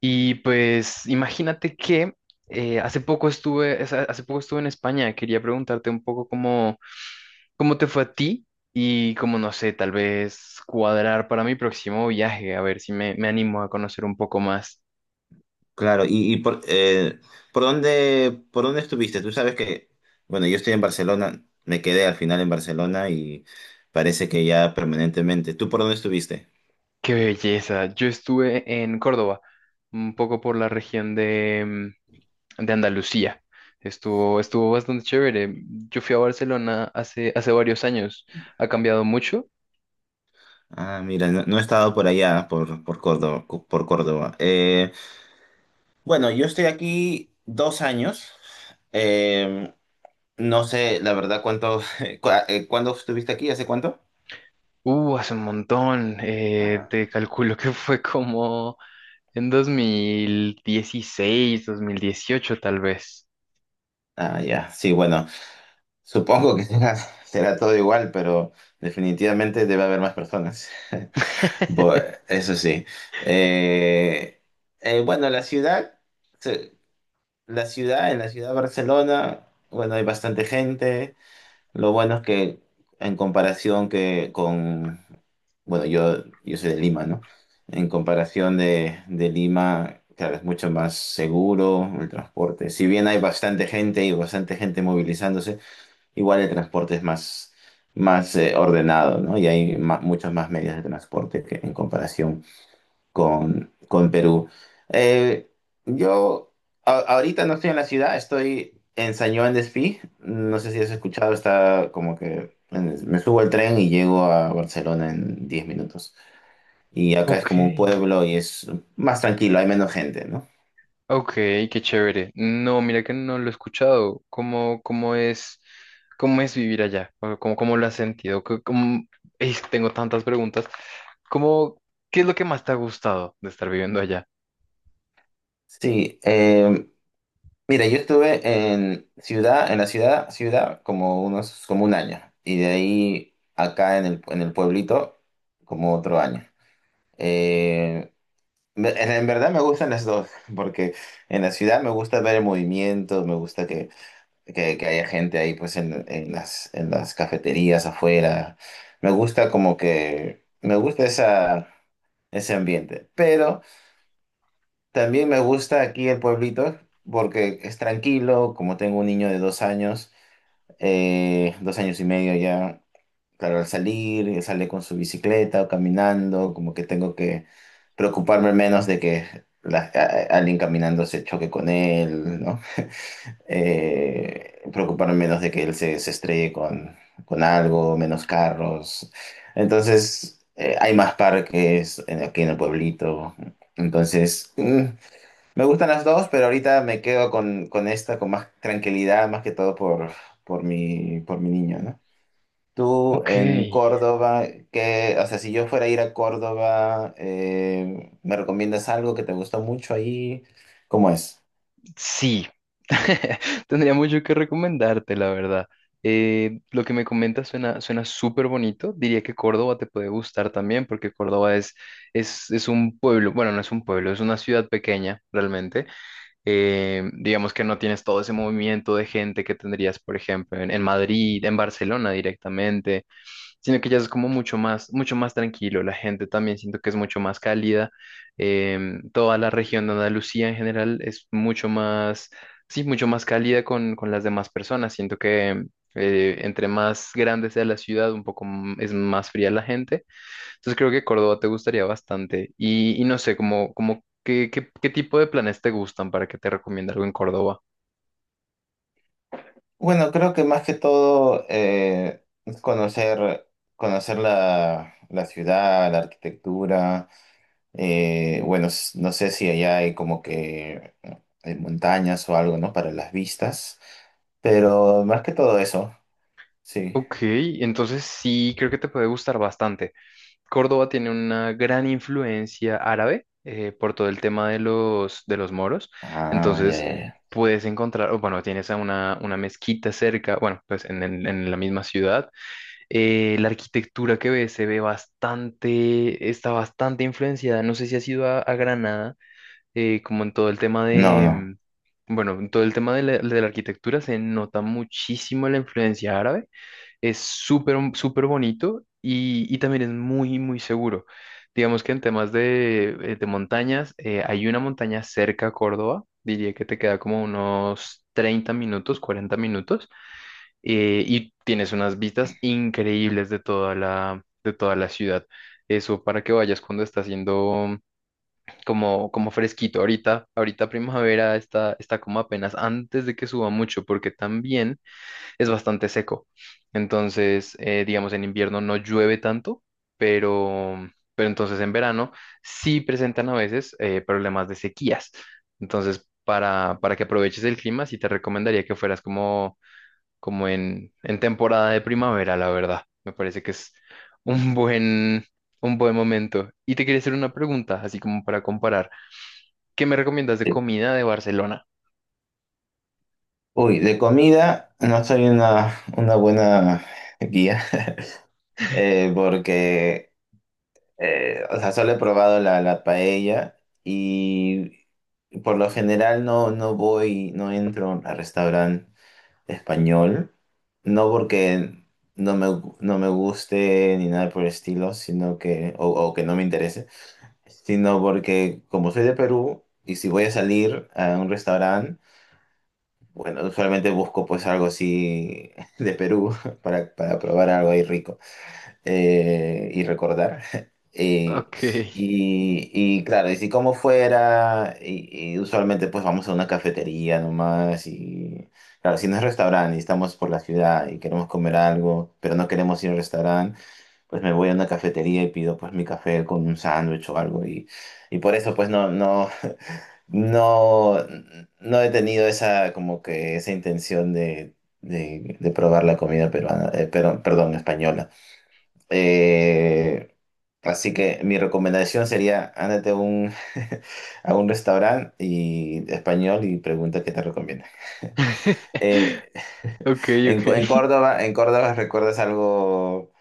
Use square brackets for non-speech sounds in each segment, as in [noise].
Y pues imagínate que hace poco hace poco estuve en España. Quería preguntarte un poco cómo, cómo te fue a ti y cómo, no sé, tal vez cuadrar para mi próximo viaje, a ver si me animo a conocer un poco más. Claro, por dónde estuviste? Tú sabes que, bueno, yo estoy en Barcelona, me quedé al final en Barcelona y parece que ya permanentemente. ¿Tú por dónde estuviste? ¡Qué belleza! Yo estuve en Córdoba, un poco por la región de Andalucía. Estuvo bastante chévere. Yo fui a Barcelona hace varios años. Ha cambiado mucho. Ah, mira, no, no he estado por allá, por Córdoba. Por Córdoba. Bueno, yo estoy aquí 2 años. Eh, no sé, la verdad, cuánto, [laughs] ¿cuándo estuviste aquí? ¿Hace cuánto? Hace un montón. Ah, Te calculo que fue como en 2016, 2018 tal vez. ah, ya, sí, bueno. Supongo que será, [laughs] será todo igual, pero definitivamente debe haber más personas. Bu- [laughs] Eso sí. Eh, bueno, se- la ciudad, en la ciudad de Barcelona, bueno, hay bastante gente. Lo bueno es que en comparación que con, bueno, yo soy de Lima, ¿no? En comparación de Lima, claro, es mucho más seguro el transporte. Si bien hay bastante gente y bastante gente movilizándose. Igual el transporte es más ordenado, ¿no? Y hay muchas más medidas de transporte que en comparación con Perú. Eh, yo Ahorita no estoy en la ciudad, estoy en San Juan de. No sé si has escuchado, está como que en- me subo al tren y llego a Barcelona en 10 minutos. Y acá es Ok, como un pueblo y es más tranquilo, hay menos gente, ¿no? ok, qué chévere. No, mira que no lo he escuchado. ¿Cómo, cómo es vivir allá? ¿Cómo, cómo lo has sentido? Ey, tengo tantas preguntas. ¿Cómo, qué es lo que más te ha gustado de estar viviendo allá? Sí, eh, Mira, yo estuve en la ciudad, ciudad como unos, como un año, y de ahí acá en el pueblito como otro año. Eh, en verdad me gustan las dos, [laughs] porque en la ciudad me gusta ver el movimiento, me gusta que haya gente ahí pues en las cafeterías afuera. Me gusta como que, me gusta esa, ese ambiente, pero. También me gusta aquí el pueblito porque es tranquilo, como tengo un niño de 2 años, 2 años y medio ya, claro, al salir, él sale con su bicicleta o caminando, como que tengo que preocuparme menos de que alguien caminando se choque con él, ¿no? Preocuparme menos de que él se estrelle con algo, menos carros. Entonces, hay más parques aquí en el pueblito. Entonces me gustan las dos, pero ahorita me quedo con esta con más tranquilidad, más que todo por mi niño, ¿no? Tú Ok. en Córdoba, que, o sea, si yo fuera a ir a Córdoba, ¿me recomiendas algo que te gustó mucho ahí? ¿Cómo es? Sí, [laughs] tendría mucho que recomendarte, la verdad. Lo que me comentas suena súper bonito. Diría que Córdoba te puede gustar también, porque es un pueblo, bueno, no es un pueblo, es una ciudad pequeña realmente. Digamos que no tienes todo ese movimiento de gente que tendrías, por ejemplo, en Madrid, en Barcelona directamente, sino que ya es como mucho más tranquilo. La gente también siento que es mucho más cálida. Toda la región de Andalucía en general es mucho más, sí, mucho más cálida con las demás personas. Siento que entre más grande sea la ciudad, un poco es más fría la gente. Entonces creo que Córdoba te gustaría bastante. Y no sé, como, como qué, qué, qué tipo de planes te gustan para que te recomiende algo en Córdoba. Bueno, creo que más que todo es conocer, conocer la ciudad, la arquitectura. Bueno, no sé si allá hay como que montañas o algo, ¿no? Para las vistas, pero más que todo eso, sí. Ok, entonces sí, creo que te puede gustar bastante. Córdoba tiene una gran influencia árabe, por todo el tema de de los moros. Ah, ya, Entonces ya, ya. puedes encontrar, o bueno, tienes a una mezquita cerca, bueno, pues en, en la misma ciudad. La arquitectura que ves se ve está bastante influenciada. No sé si has ido a Granada, como en todo el tema No, no. Bueno, en todo el tema de la arquitectura se nota muchísimo la influencia árabe. Es súper, súper bonito y también es muy, muy seguro. Digamos que en temas de montañas, hay una montaña cerca a Córdoba, diría que te queda como unos 30 minutos, 40 minutos, y tienes unas vistas increíbles de de toda la ciudad. Eso para que vayas cuando está haciendo como, como fresquito. Ahorita, ahorita primavera está como apenas antes de que suba mucho, porque también es bastante seco. Entonces, digamos, en invierno no llueve tanto, pero, pero entonces en verano sí presentan a veces problemas de sequías. Entonces, para que aproveches el clima, sí te recomendaría que fueras como, como en temporada de primavera, la verdad. Me parece que es un buen, un buen momento. Y te quería hacer una pregunta, así como para comparar. ¿Qué me recomiendas de De- comida de Barcelona? Uy, de comida no soy una buena guía, [laughs] porque o sea, solo he probado la paella y por lo general no, no voy, no entro a restaurantes español, no porque no me guste ni nada por el estilo, sino que, o que no me interese, sino porque como soy de Perú y si voy a salir a un restaurante, bueno, usualmente busco pues algo así [laughs] de Perú para probar algo ahí rico, y recordar. [laughs] Y, Ok. y claro, y si como fuera, y usualmente pues vamos a una cafetería nomás, y claro, si no es restaurante y estamos por la ciudad y queremos comer algo, pero no queremos ir al restaurante, pues me voy a una cafetería y pido pues mi café con un sándwich o algo, y por eso pues no, no he tenido esa como que esa intención de probar la comida peruana, pero, perdón, española. Eh, Así que mi recomendación sería, ándate a un, [laughs] a un restaurante y, español y pregunta qué te recomienda. [laughs] Eh, [laughs] Ok, ok. En Córdoba, en Córdoba, ¿recuerdas algo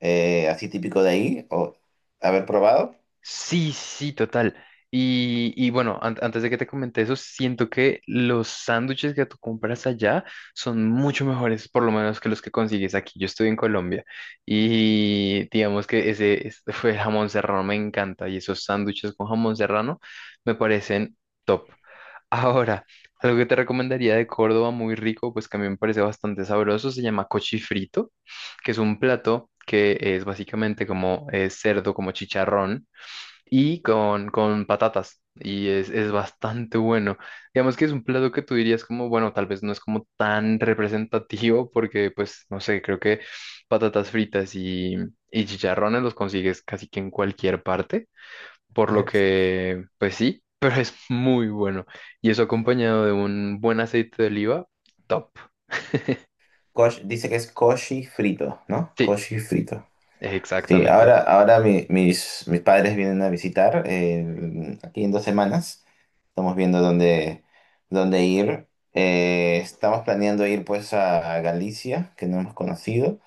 así típico de ahí o haber probado? Sí, sí, total. Y bueno, antes de que te comente eso, siento que los sándwiches que tú compras allá son mucho mejores, por lo menos que los que consigues aquí. Yo estoy en Colombia y digamos que este fue el jamón serrano, me encanta. Y esos sándwiches con jamón serrano me parecen top. [laughs] Ahora, algo que te recomendaría de Córdoba, muy rico, pues que a mí me parece bastante sabroso, se llama cochifrito, que es un plato que es básicamente como cerdo, como chicharrón, y con patatas. Y es bastante bueno. Digamos que es un plato que tú dirías como, bueno, tal vez no es como tan representativo porque, pues, no sé, creo que patatas fritas y chicharrones los consigues casi que en cualquier parte. Por lo [laughs] que, pues sí, [laughs] pero es muy bueno. Y eso acompañado de un buen aceite de oliva, top. Dice que es coshi frito, ¿no? Sí, Coshi frito. Sí, exactamente. ahora, mis padres vienen a visitar aquí en 2 semanas. Estamos viendo dónde ir. Estamos planeando ir pues a Galicia, que no hemos conocido.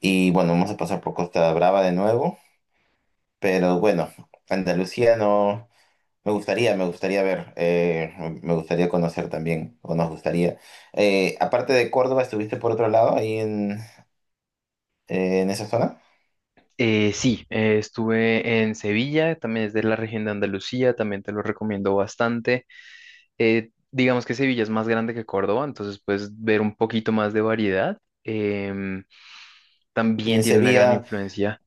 Y bueno, vamos a pasar por Costa Brava de nuevo. Pero bueno, Andalucía no. Me gustaría ver, me gustaría conocer también, o nos gustaría. Aparte de Córdoba, ¿estuviste por otro lado ahí en esa zona? Sí, Estuve en Sevilla, también es de la región de Andalucía, también te lo recomiendo bastante. Digamos que Sevilla es más grande que Córdoba, entonces puedes ver un poquito más de variedad. Em, ¿Y También en tiene una gran Sevilla? influencia.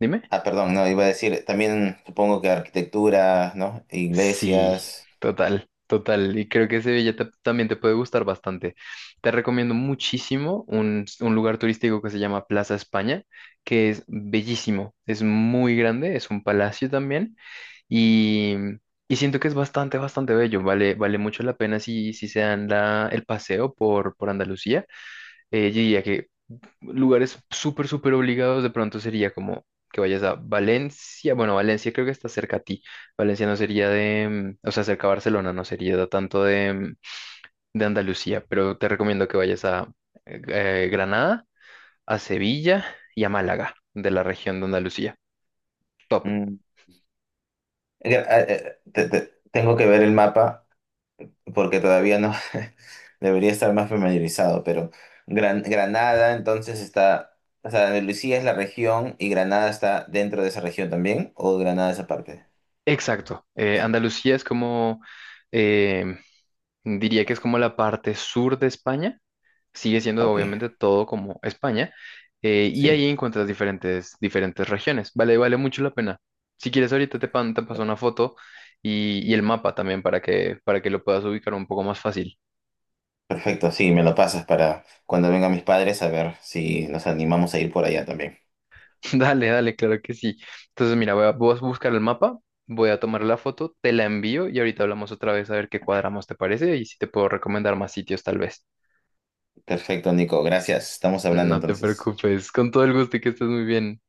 Dime. Ah, perdón, no, iba a decir, también supongo que arquitectura, ¿no? Sí, Iglesias. total, total. Y creo que Sevilla también te puede gustar bastante. Te recomiendo muchísimo un lugar turístico que se llama Plaza España, que es bellísimo. Es muy grande, es un palacio también. Y, y siento que es bastante, bastante bello. Vale, vale mucho la pena si, si se dan el paseo por Andalucía. Yo diría que lugares súper, súper obligados de pronto sería como que vayas a Valencia. Bueno, Valencia creo que está cerca a ti. Valencia no sería o sea, cerca a Barcelona, no sería tanto de Andalucía, pero te recomiendo que vayas a Granada, a Sevilla y a Málaga, de la región de Andalucía. Top. mm. Te- te- Tengo que ver el mapa porque todavía no [laughs] debería estar más familiarizado, pero Granada entonces está, o sea, Andalucía es la región y Granada está dentro de esa región también, o Granada es aparte. Exacto. Andalucía es como, eh, diría que es como la parte sur de España, sigue siendo Ok, obviamente todo como España, y sí. ahí encuentras diferentes, diferentes regiones. Vale, vale mucho la pena. Si quieres, ahorita te paso una foto y el mapa también para que lo puedas ubicar un poco más fácil. Perfecto, sí, me lo pasas para cuando vengan mis padres a ver si nos animamos a ir por allá también. [laughs] Dale, dale, claro que sí. Entonces, mira, voy voy a buscar el mapa, voy a tomar la foto, te la envío y ahorita hablamos otra vez a ver qué cuadramos, te parece, y si te puedo recomendar más sitios tal vez. Perfecto, Nico, gracias. Estamos hablando No te entonces. preocupes, con todo el gusto, y que estés muy bien.